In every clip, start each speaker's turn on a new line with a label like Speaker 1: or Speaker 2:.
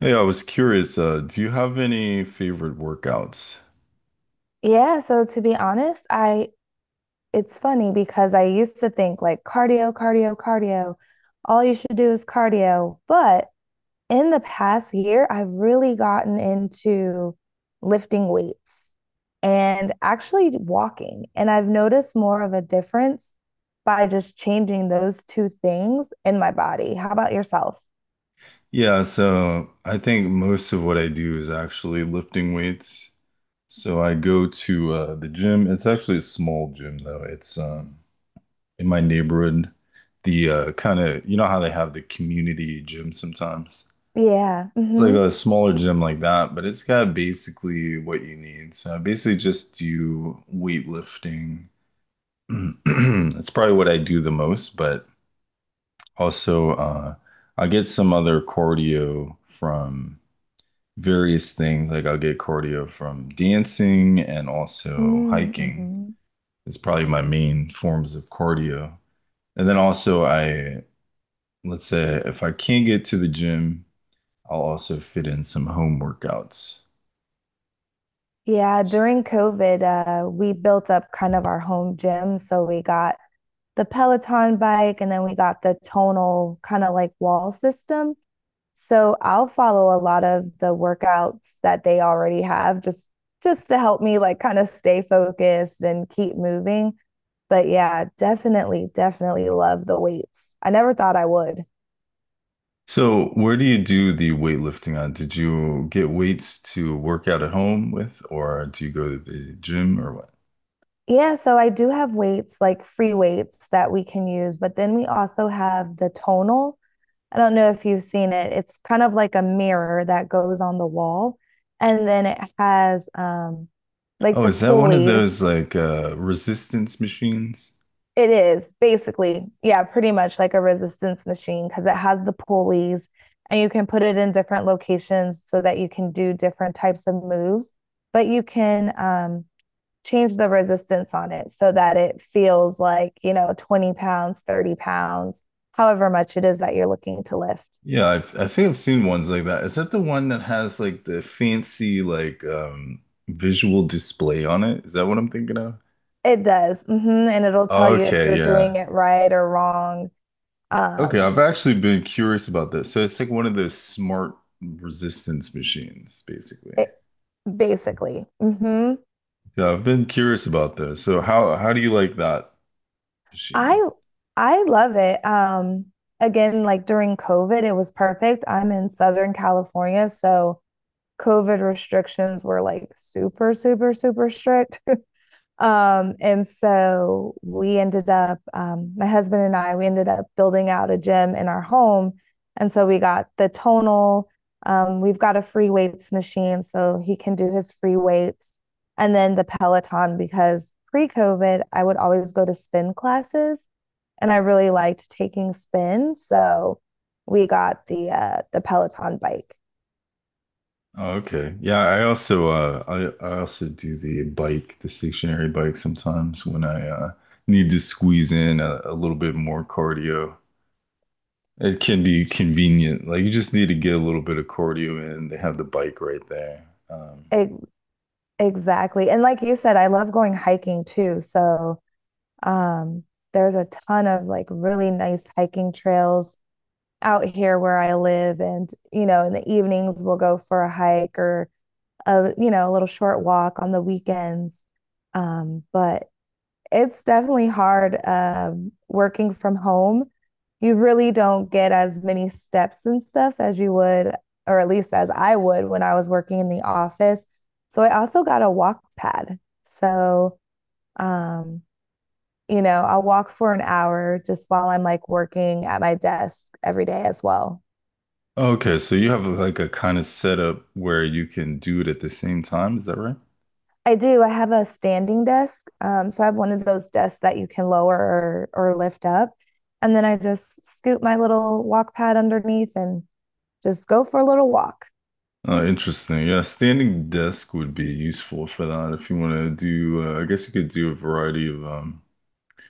Speaker 1: Hey, I was curious, do you have any favorite workouts?
Speaker 2: Yeah, so to be honest, I it's funny because I used to think like cardio, cardio, cardio. All you should do is cardio. But in the past year, I've really gotten into lifting weights and actually walking. And I've noticed more of a difference by just changing those two things in my body. How about yourself?
Speaker 1: Yeah, so I think most of what I do is actually lifting weights. So I go to the gym. It's actually a small gym though. It's in my neighborhood. The kind of you know how they have the community gym sometimes.
Speaker 2: Yeah.
Speaker 1: It's like
Speaker 2: Mm-hmm.
Speaker 1: a smaller gym like that, but it's got basically what you need. So I basically just do weightlifting. That's probably what I do the most, but. Also, I get some other cardio from various things. Like I'll get cardio from dancing and also hiking.
Speaker 2: Mm-hmm.
Speaker 1: It's probably my main forms of cardio. And then also let's say if I can't get to the gym, I'll also fit in some home workouts.
Speaker 2: Yeah, during COVID, we built up kind of our home gym. So we got the Peloton bike and then we got the tonal kind of like wall system. So I'll follow a lot of the workouts that they already have just to help me like kind of stay focused and keep moving. But yeah, definitely, definitely love the weights. I never thought I would.
Speaker 1: So where do you do the weightlifting on? Did you get weights to work out at home with, or do you go to the gym or what?
Speaker 2: Yeah, so I do have weights, like free weights that we can use, but then we also have the tonal. I don't know if you've seen it. It's kind of like a mirror that goes on the wall, and then it has like
Speaker 1: Oh,
Speaker 2: the
Speaker 1: is that one of
Speaker 2: pulleys.
Speaker 1: those like resistance machines?
Speaker 2: It is basically, yeah, pretty much like a resistance machine because it has the pulleys and you can put it in different locations so that you can do different types of moves, but you can change the resistance on it so that it feels like, you know, 20 pounds, 30 pounds, however much it is that you're looking to lift.
Speaker 1: Yeah, I think I've seen ones like that. Is that the one that has like the fancy like visual display on it? Is that what I'm thinking of?
Speaker 2: It does. And it'll tell you if
Speaker 1: Okay,
Speaker 2: you're
Speaker 1: yeah.
Speaker 2: doing it right or wrong.
Speaker 1: Okay,
Speaker 2: Um,
Speaker 1: I've actually been curious about this. So it's like one of those smart resistance machines, basically.
Speaker 2: it basically.
Speaker 1: Yeah, I've been curious about this. So how do you like that machine?
Speaker 2: I I love it. Again, like during COVID, it was perfect. I'm in Southern California, so COVID restrictions were like super, super, super strict. And so we ended up, my husband and I, we ended up building out a gym in our home. And so we got the tonal, we've got a free weights machine so he can do his free weights, and then the Peloton because pre COVID, I would always go to spin classes and I really liked taking spin. So we got the Peloton bike.
Speaker 1: Oh, okay. Yeah, I also I also do the bike, the stationary bike sometimes when I need to squeeze in a little bit more cardio. It can be convenient. Like you just need to get a little bit of cardio in. They have the bike right there.
Speaker 2: E- exactly. And like you said, I love going hiking too. So Um, there's a ton of like really nice hiking trails out here where I live. And, you know, in the evenings we'll go for a hike or a, you know, a little short walk on the weekends. But it's definitely hard working from home. You really don't get as many steps and stuff as you would, or at least as I would when I was working in the office. So I also got a walk pad. So um, you know, I'll walk for an hour just while I'm like working at my desk every day as well.
Speaker 1: Oh, okay, so you have like a kind of setup where you can do it at the same time, is that right?
Speaker 2: I do. I have a standing desk. So I have one of those desks that you can lower or lift up. And then I just scoop my little walk pad underneath and just go for a little walk.
Speaker 1: Interesting. Yeah, standing desk would be useful for that if you want to do I guess you could do a variety of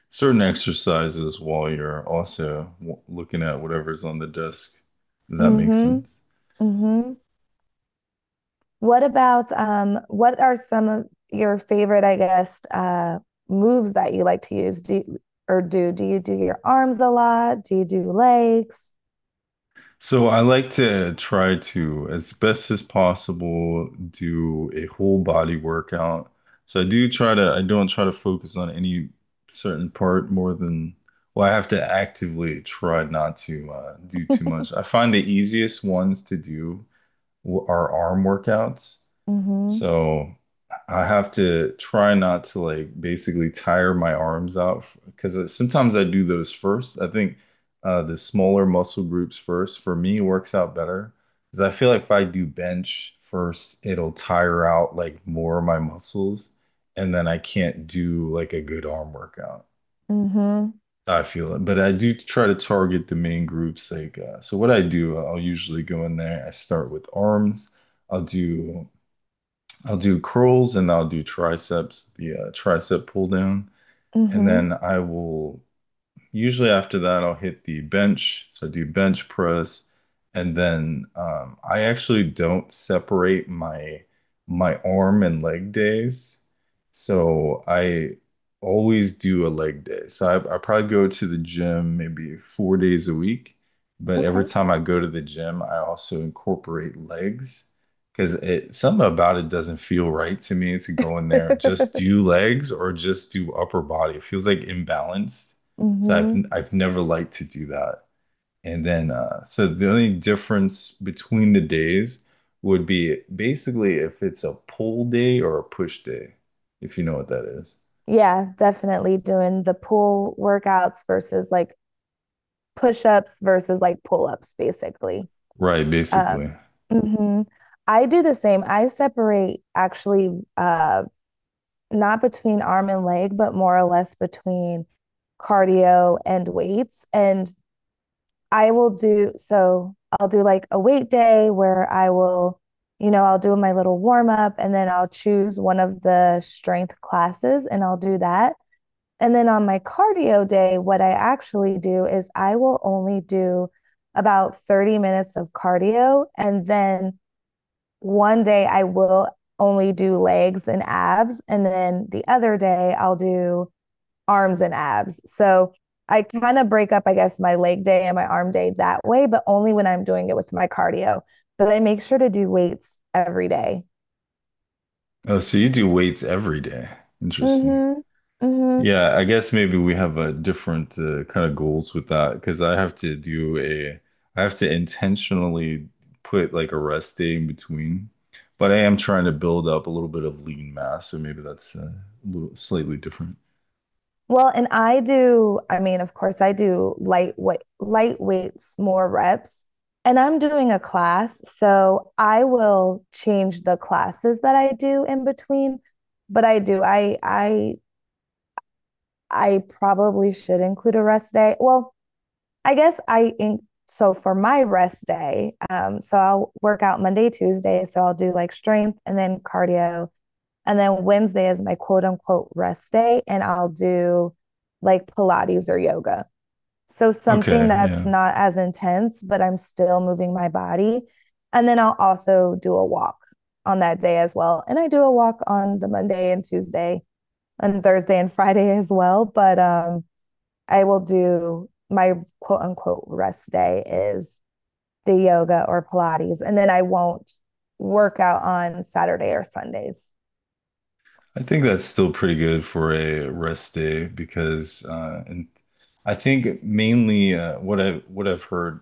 Speaker 1: certain exercises while you're also w looking at whatever's on the desk. If that
Speaker 2: Mm
Speaker 1: makes
Speaker 2: hmm.
Speaker 1: sense.
Speaker 2: Mm hmm. What are some of your favorite, I guess, moves that you like to use? Do you do your arms a lot? Do you do legs?
Speaker 1: So I like to try to, as best as possible, do a whole body workout. So I do try to, I don't try to focus on any certain part more than, well, I have to actively try not to do too much. I find the easiest ones to do are arm workouts.
Speaker 2: Mm hmm.
Speaker 1: So I have to try not to like basically tire my arms out because sometimes I do those first. I think the smaller muscle groups first for me works out better because I feel like if I do bench first, it'll tire out like more of my muscles and then I can't do like a good arm workout.
Speaker 2: Mm-hmm.
Speaker 1: I feel it, but I do try to target the main groups. Like, so what I do, I'll usually go in there. I start with arms. I'll do I'll do curls and I'll do triceps, the tricep pull down, and
Speaker 2: Mm-hmm.
Speaker 1: then I will usually after that, I'll hit the bench. So I do bench press, and then I actually don't separate my arm and leg days. So I always do a leg day. So I probably go to the gym maybe 4 days a week, but every
Speaker 2: Okay.
Speaker 1: time I go to the gym, I also incorporate legs because it something about it doesn't feel right to me to go in there and just do legs or just do upper body. It feels like imbalanced. So I've
Speaker 2: Mm-hmm.
Speaker 1: I've never liked to do that. And then so the only difference between the days would be basically if it's a pull day or a push day, if you know what that is.
Speaker 2: Yeah, definitely doing the pull workouts versus like push-ups versus like pull-ups, basically.
Speaker 1: Right,
Speaker 2: Um,
Speaker 1: basically.
Speaker 2: mhm. I do the same. I separate actually not between arm and leg, but more or less between cardio and weights. And I will do so I'll do like a weight day where I will, you know, I'll do my little warm up and then I'll choose one of the strength classes and I'll do that. And then on my cardio day, what I actually do is I will only do about 30 minutes of cardio. And then one day I will only do legs and abs. And then the other day I'll do arms and abs. So I kind of break up, I guess, my leg day and my arm day that way, but only when I'm doing it with my cardio. But I make sure to do weights every day.
Speaker 1: Oh, so you do weights every day. Interesting.
Speaker 2: Mm-hmm. Mm-hmm.
Speaker 1: Yeah, I guess maybe we have a different kind of goals with that because I have to do I have to intentionally put like a rest day in between, but I am trying to build up a little bit of lean mass, so maybe that's a little slightly different.
Speaker 2: Well, and I do, I mean, of course, I do light weight, light weights, more reps. And I'm doing a class, so I will change the classes that I do in between. But I do, I probably should include a rest day. I guess I in, so for my rest day, so I'll work out Monday, Tuesday. So I'll do like strength and then cardio. And then Wednesday is my quote unquote rest day, and I'll do like Pilates or yoga. So
Speaker 1: Okay,
Speaker 2: something that's
Speaker 1: yeah.
Speaker 2: not as intense, but I'm still moving my body. And then I'll also do a walk on that day as well. And I do a walk on the Monday and Tuesday and Thursday and Friday as well. But I will do my quote unquote rest day is the yoga or Pilates, and then I won't work out on Saturday or Sundays.
Speaker 1: I think that's still pretty good for a rest day because and I think mainly what I've heard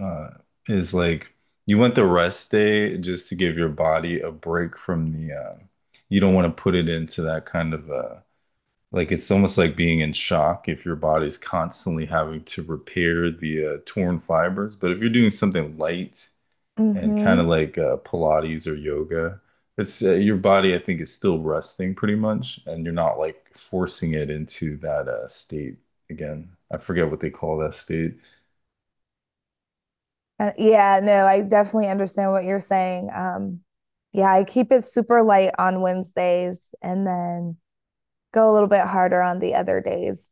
Speaker 1: uh, is like you want the rest day just to give your body a break from the you don't want to put it into that kind of like it's almost like being in shock if your body's constantly having to repair the torn fibers. But if you're doing something light and kind
Speaker 2: Mm-hmm.
Speaker 1: of like Pilates or yoga. It's your body, I think, is still resting pretty much, and you're not like forcing it into that state again. I forget what they call that state.
Speaker 2: Yeah, no, I definitely understand what you're saying. Yeah, I keep it super light on Wednesdays and then go a little bit harder on the other days.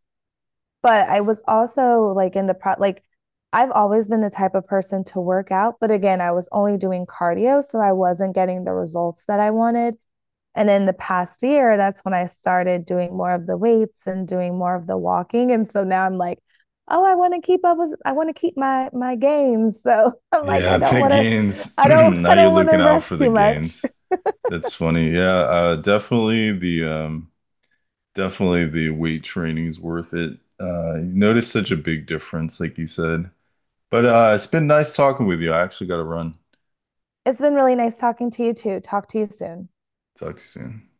Speaker 2: But I was also like in the pro, like I've always been the type of person to work out, but again, I was only doing cardio, so I wasn't getting the results that I wanted. And in the past year, that's when I started doing more of the weights and doing more of the walking. And so now I'm like, oh, I want to keep my gains. So I'm like,
Speaker 1: Yeah, the gains. Now
Speaker 2: I
Speaker 1: you're
Speaker 2: don't want
Speaker 1: looking
Speaker 2: to
Speaker 1: out for
Speaker 2: rest
Speaker 1: the
Speaker 2: too much.
Speaker 1: gains. That's funny. Yeah, definitely the weight training's worth it. You notice such a big difference, like you said. But it's been nice talking with you. I actually got to run.
Speaker 2: It's been really nice talking to you too. Talk to you soon.
Speaker 1: Talk to you soon.